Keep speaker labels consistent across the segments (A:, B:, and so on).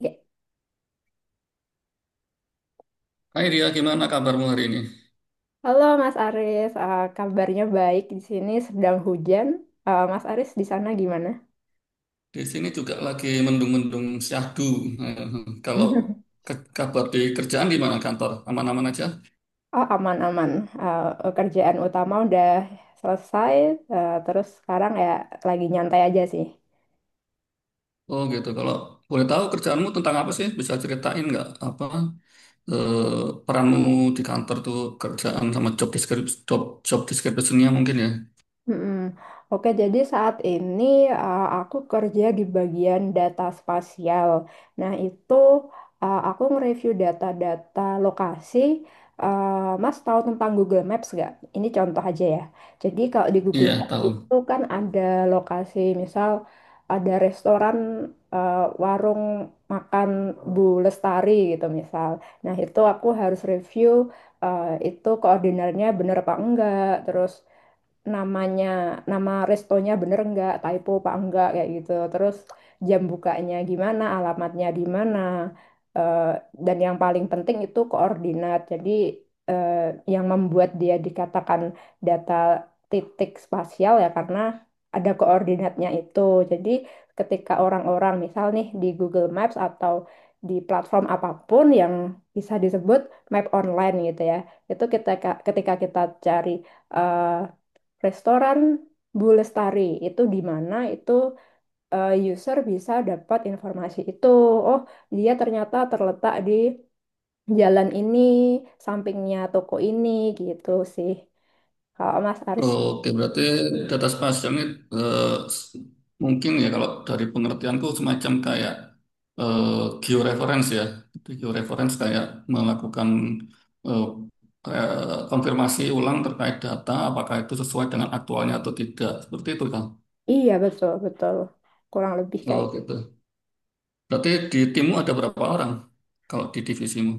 A: Oke.
B: Hai Ria, gimana kabarmu hari ini?
A: Halo Mas Aris, kabarnya baik di sini sedang hujan. Eh, Mas Aris di sana gimana?
B: Di sini juga lagi mendung-mendung syahdu. Eh, Kalau kabar di kerjaan gimana kantor? Aman-aman aja?
A: Oh, aman-aman. Kerjaan utama udah selesai. Terus sekarang ya lagi nyantai aja sih.
B: Oh gitu. Kalau boleh tahu kerjaanmu tentang apa sih? Bisa ceritain nggak apa eh, peranmu di kantor tuh kerjaan sama job description, job description-nya mungkin ya?
A: Mm-mm. Oke, jadi saat ini aku kerja di bagian data spasial. Nah, itu aku nge-review data-data lokasi. Mas tahu tentang Google Maps nggak? Ini contoh aja ya. Jadi kalau di Google
B: Iya,
A: Maps
B: tahu.
A: itu kan ada lokasi, misal ada restoran, uh, warung makan Bu Lestari gitu misal. Nah, itu aku harus review itu koordinatnya bener apa enggak, terus namanya nama restonya bener nggak, typo apa enggak, kayak gitu. Terus jam bukanya gimana, alamatnya di mana. Eh, dan yang paling penting itu koordinat. Jadi eh, yang membuat dia dikatakan data titik spasial ya karena ada koordinatnya itu. Jadi ketika orang-orang misal nih di Google Maps atau di platform apapun yang bisa disebut map online gitu ya, itu kita ketika kita cari eh, restoran Bu Lestari itu di mana, itu user bisa dapat informasi itu. Oh, dia ternyata terletak di jalan ini, sampingnya toko ini, gitu sih. Kalau Mas Aris,
B: Oke, berarti data spasial ini eh, s- mungkin ya kalau dari pengertianku semacam kayak eh, georeference ya. Jadi georeference kayak melakukan eh, kayak konfirmasi ulang terkait data apakah itu sesuai dengan aktualnya atau tidak. Seperti itu kan.
A: iya betul betul, kurang lebih kayak.
B: Oh, gitu. Berarti di timmu ada berapa orang kalau di divisimu?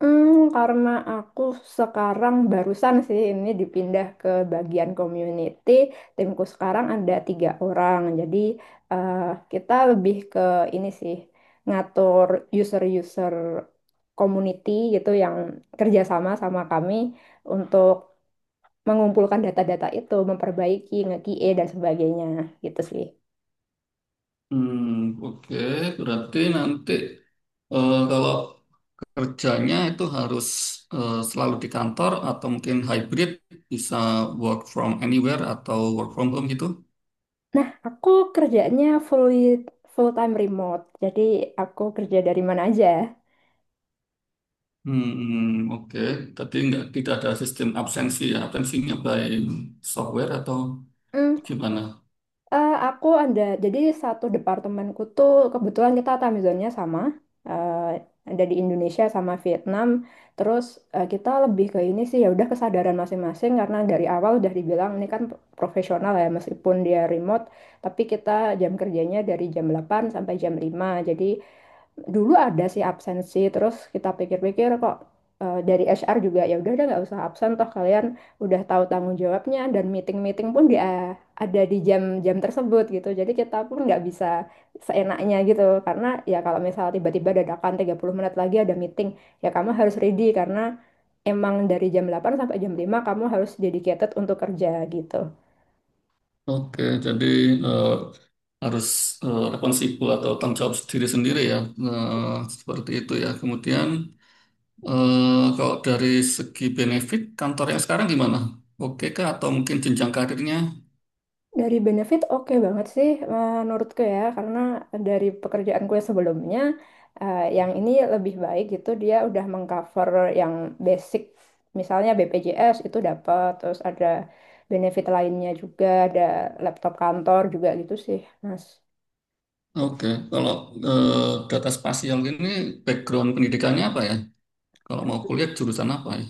A: Hmm, karena aku sekarang barusan sih ini dipindah ke bagian community, timku sekarang ada tiga orang. Jadi eh, kita lebih ke ini sih, ngatur user-user community gitu yang kerjasama sama kami untuk mengumpulkan data-data itu, memperbaiki, nge-QA dan sebagainya gitu sih.
B: Hmm, oke. Berarti nanti kalau kerjanya itu harus selalu di kantor atau mungkin hybrid bisa work from anywhere atau work from home gitu.
A: Nah, aku kerjanya full time remote, jadi aku kerja dari mana aja.
B: Hmm, oke. Tapi nggak tidak ada sistem absensi ya. Absensinya by software atau
A: Hmm.
B: gimana?
A: Aku ada, jadi satu departemenku tuh kebetulan kita time zone-nya sama, eh, ada di Indonesia sama Vietnam. Terus kita lebih ke ini sih, ya udah kesadaran masing-masing karena dari awal udah dibilang ini kan profesional ya, meskipun dia remote, tapi kita jam kerjanya dari jam 8 sampai jam 5. Jadi dulu ada sih absensi, terus kita pikir-pikir kok, dari HR juga ya udah nggak usah absen toh kalian udah tahu tanggung jawabnya, dan meeting-meeting pun dia ada di jam-jam tersebut gitu. Jadi kita pun nggak bisa seenaknya gitu. Karena ya kalau misal tiba-tiba dadakan 30 menit lagi ada meeting, ya kamu harus ready karena emang dari jam 8 sampai jam 5 kamu harus dedicated untuk kerja gitu.
B: Oke, jadi eh, harus responsibel atau tanggung jawab diri sendiri ya. Eh, Seperti itu ya. Kemudian kalau dari segi benefit kantor yang sekarang gimana? Oke kah atau mungkin jenjang karirnya?
A: Dari benefit oke banget sih, menurutku ya, karena dari pekerjaanku yang sebelumnya yang ini lebih baik gitu. Dia udah mengcover yang basic, misalnya BPJS itu dapat, terus ada benefit lainnya juga, ada laptop kantor juga gitu sih Mas.
B: Oke, kalau data spasial ini background pendidikannya apa ya? Kalau mau kuliah jurusan apa ya?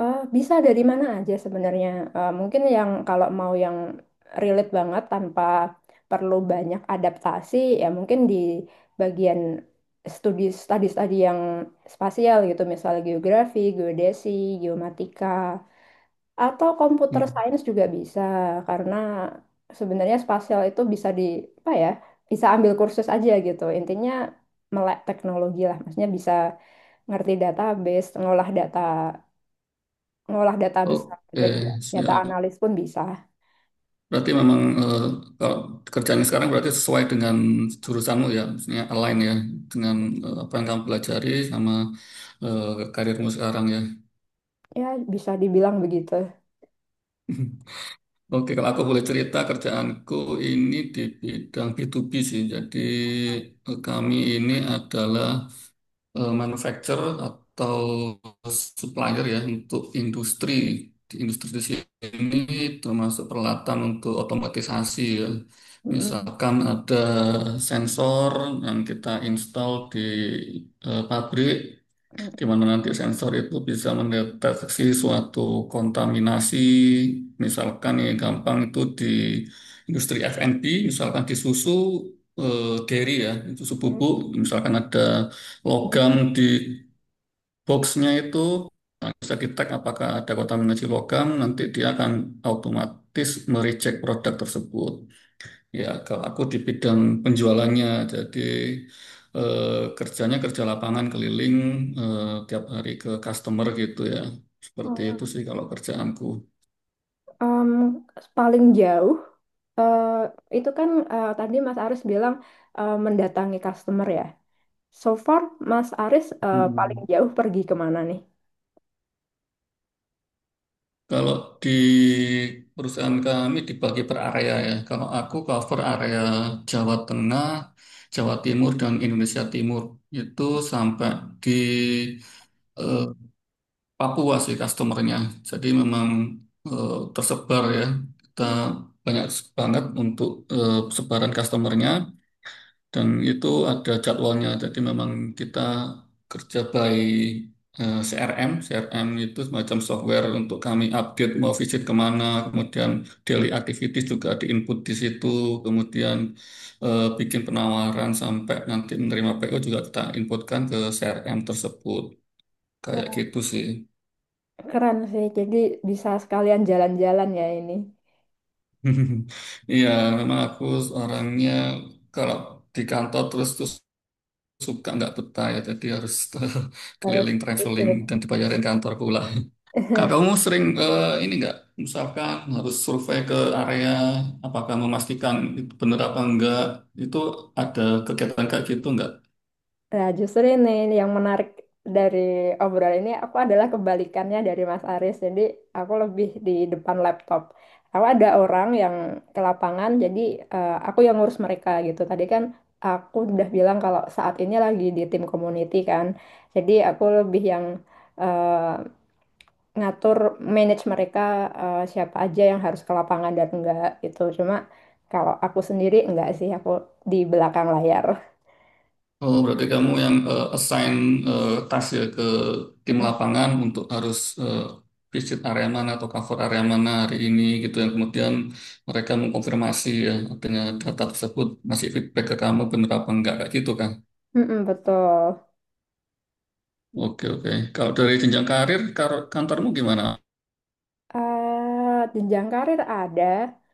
A: Bisa dari mana aja sebenarnya. Mungkin yang kalau mau yang relate banget tanpa perlu banyak adaptasi, ya mungkin di bagian studi-studi yang spasial gitu, misalnya geografi, geodesi, geomatika, atau computer
B: Hmm.
A: science juga bisa karena sebenarnya spasial itu bisa di apa ya, bisa ambil kursus aja gitu. Intinya melek teknologi lah, maksudnya bisa ngerti database, ngolah data besar.
B: Oke,
A: Jadi data
B: siap.
A: analis pun bisa.
B: Berarti memang kalau kerjaan sekarang berarti sesuai dengan jurusanmu ya, maksudnya align ya dengan apa yang kamu pelajari sama karirmu sekarang ya.
A: Ya, bisa dibilang begitu.
B: Oke, kalau aku boleh cerita kerjaanku ini di bidang B2B sih. Jadi kami ini adalah manufacturer atau supplier ya untuk industri di sini termasuk peralatan untuk otomatisasi ya.
A: Mm-mm.
B: Misalkan ada sensor yang kita install di pabrik di
A: Mm-mm.
B: mana nanti sensor itu bisa mendeteksi suatu kontaminasi misalkan yang gampang itu di industri F&B misalkan di susu dairy ya itu susu bubuk misalkan ada logam di boxnya itu nah, bisa di tag apakah ada kota menuju logam, nanti dia akan otomatis mereject produk tersebut. Ya, kalau aku di bidang penjualannya, jadi eh, kerjanya kerja lapangan keliling eh, tiap hari ke customer gitu ya. Seperti itu sih kalau kerjaanku.
A: Um, paling jauh eh, itu kan tadi Mas Aris bilang mendatangi customer ya. So far Mas Aris paling
B: Mm-mm.
A: jauh pergi kemana nih?
B: Kalau di perusahaan kami dibagi per area ya. Kalau aku cover area Jawa Tengah, Jawa Timur, dan Indonesia Timur. Itu sampai di eh, Papua sih customernya. Jadi memang tersebar ya. Kita
A: Hmm.
B: banyak banget untuk sebaran customernya. Dan itu ada jadwalnya, jadi memang kita kerja by CRM. CRM itu semacam software untuk kami update mau visit kemana, kemudian daily activities juga diinput di situ, kemudian bikin penawaran sampai nanti menerima PO juga kita inputkan ke CRM tersebut. Kayak
A: Wah,
B: gitu sih.
A: keren sih. Jadi bisa sekalian jalan-jalan ya ini.
B: Iya, memang aku orangnya kalau di kantor terus terus suka nggak betah ya jadi harus
A: Harus
B: keliling traveling
A: titip.
B: dan dibayarin kantor pula. Kak, kamu sering ini nggak misalkan harus survei ke area apakah memastikan itu benar apa enggak itu ada kegiatan kayak gitu nggak?
A: Nah, justru ini yang menarik dari obrolan ini, aku adalah kebalikannya dari Mas Aris. Jadi, aku lebih di depan laptop. Aku ada orang yang ke lapangan, jadi aku yang ngurus mereka gitu. Tadi kan aku udah bilang kalau saat ini lagi di tim community kan. Jadi, aku lebih yang eh, ngatur manage mereka, siapa aja yang harus ke lapangan dan enggak gitu. Cuma kalau aku sendiri enggak sih, aku di belakang layar.
B: Oh, berarti kamu yang assign task ya ke tim lapangan untuk harus visit area mana atau cover area mana hari ini gitu yang kemudian mereka mengkonfirmasi ya artinya data tersebut masih feedback ke kamu benar apa enggak kayak gitu kan?
A: Mm-mm, betul.
B: Oke, oke. Kalau dari jenjang karir, kantormu gimana?
A: Jenjang karir ada,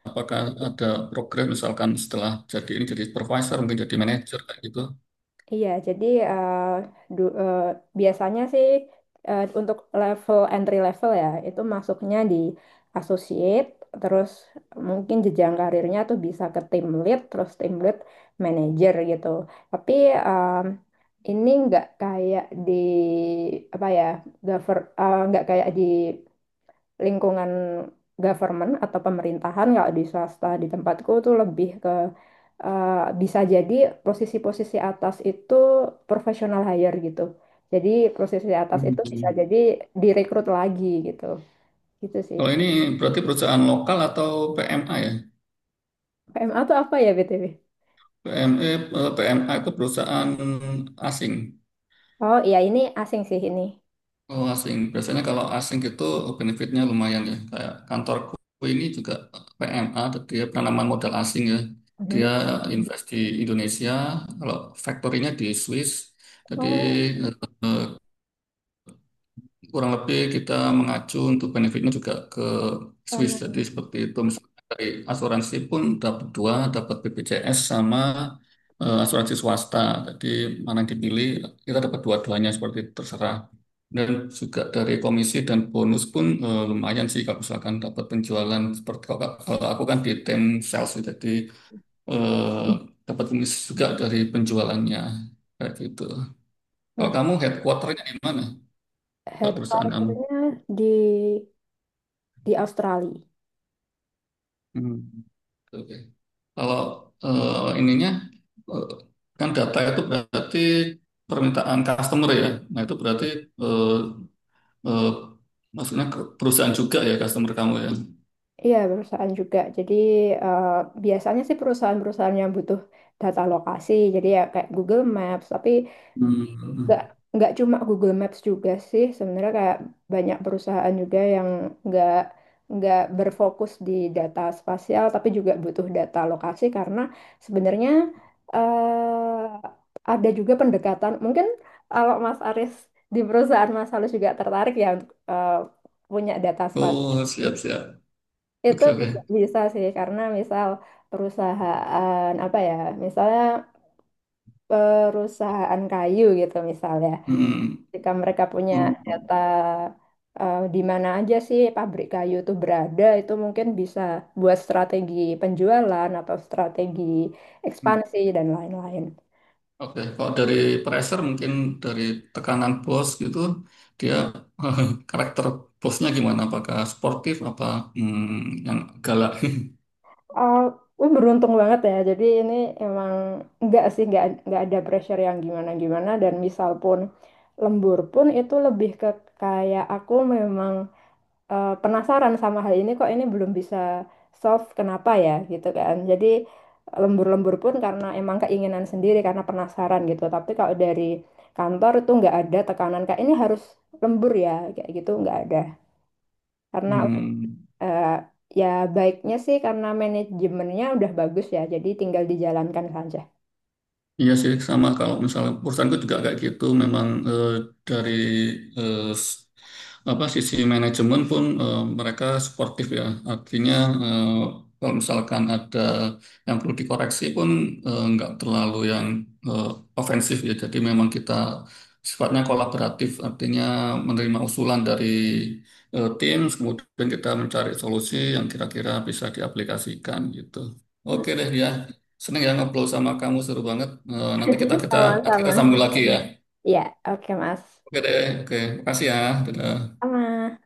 B: Apakah ada program misalkan setelah jadi ini jadi supervisor, mungkin jadi manajer kayak gitu?
A: iya. Jadi eh, du- eh, biasanya sih, untuk level entry level ya itu masuknya di associate, terus mungkin jenjang karirnya tuh bisa ke team lead, terus team lead manager gitu. Tapi ini nggak kayak di apa ya, nggak kayak di lingkungan government atau pemerintahan. Kalau di swasta di tempatku tuh lebih ke eh, bisa jadi posisi-posisi atas itu professional hire gitu. Jadi posisi atas itu bisa
B: Hmm.
A: jadi direkrut lagi gitu. Gitu sih.
B: Kalau ini berarti perusahaan lokal atau PMA ya?
A: PMA tuh apa ya BTW?
B: PME, PMA itu perusahaan asing.
A: Oh iya, ini asing sih ini.
B: Oh, asing. Biasanya kalau asing itu benefitnya lumayan ya. Kayak kantorku ini juga PMA, dia penanaman modal asing ya.
A: Mhm.
B: Dia invest di Indonesia, kalau factory-nya di Swiss. Jadi
A: Oh,
B: kurang lebih kita mengacu untuk benefitnya juga ke Swiss
A: sama.
B: jadi seperti itu misalnya dari asuransi pun dapat dua dapat BPJS sama asuransi swasta jadi mana yang dipilih kita dapat dua-duanya seperti itu, terserah dan juga dari komisi dan bonus pun lumayan sih kalau misalkan dapat penjualan seperti kalau aku kan di tim sales jadi eh, dapat komisi juga dari penjualannya kayak gitu kalau
A: Wah,
B: kamu headquarternya di mana kalau perusahaan kamu
A: headquarternya di di Australia.
B: Hmm. Oke. Kalau ininya eh, kan data itu berarti permintaan customer ya. Nah, itu berarti eh, eh, maksudnya perusahaan juga ya customer kamu ya.
A: Iya, perusahaan juga. Jadi eh, biasanya sih perusahaan-perusahaan yang butuh data lokasi. Jadi ya kayak Google Maps, tapi
B: Hmm.
A: nggak nggak cuma Google Maps juga sih sebenarnya, kayak banyak perusahaan juga yang nggak nggak berfokus di data spasial tapi juga butuh data lokasi. Karena sebenarnya ada juga pendekatan, mungkin kalau Mas Aris di perusahaan Mas Halus juga tertarik ya untuk punya data spasial,
B: Oh, siap-siap.
A: itu
B: Oke, oke.
A: juga bisa sih. Karena misal perusahaan apa ya, misalnya perusahaan kayu gitu misalnya,
B: Hmm.
A: jika mereka punya
B: Oh,
A: data di mana aja sih pabrik kayu itu berada, itu mungkin bisa buat strategi penjualan atau strategi
B: hmm.
A: ekspansi dan lain-lain.
B: Oke, kalau dari pressure mungkin dari tekanan bos gitu, dia karakter bosnya gimana? Apakah sportif apa hmm, yang galak?
A: Oh, gue beruntung banget ya. Jadi ini emang nggak sih, nggak ada pressure yang gimana-gimana. Dan misal pun lembur pun itu lebih ke kayak aku memang penasaran sama hal ini, kok ini belum bisa solve, kenapa ya gitu kan. Jadi lembur-lembur pun karena emang keinginan sendiri, karena penasaran gitu. Tapi kalau dari kantor itu nggak ada tekanan kayak ini harus lembur ya, kayak gitu nggak ada. Karena
B: Hmm.
A: eh, ya baiknya sih karena manajemennya udah bagus ya. Jadi tinggal dijalankan saja.
B: Iya sih sama kalau misalnya perusahaanku juga kayak gitu memang dari eh, s- apa sisi manajemen pun mereka sportif ya artinya eh, kalau misalkan ada yang perlu dikoreksi pun nggak terlalu yang eh, ofensif ya jadi memang kita sifatnya kolaboratif artinya menerima usulan dari tim kemudian kita mencari solusi yang kira-kira bisa diaplikasikan gitu. Oke deh ya. Seneng ya ngobrol sama kamu seru banget. Eh, nanti kita kita kita
A: Sama-sama.
B: sambung lagi ya.
A: Ya, oke Mas.
B: Oke deh, oke. Makasih ya. Dadah.
A: Sama.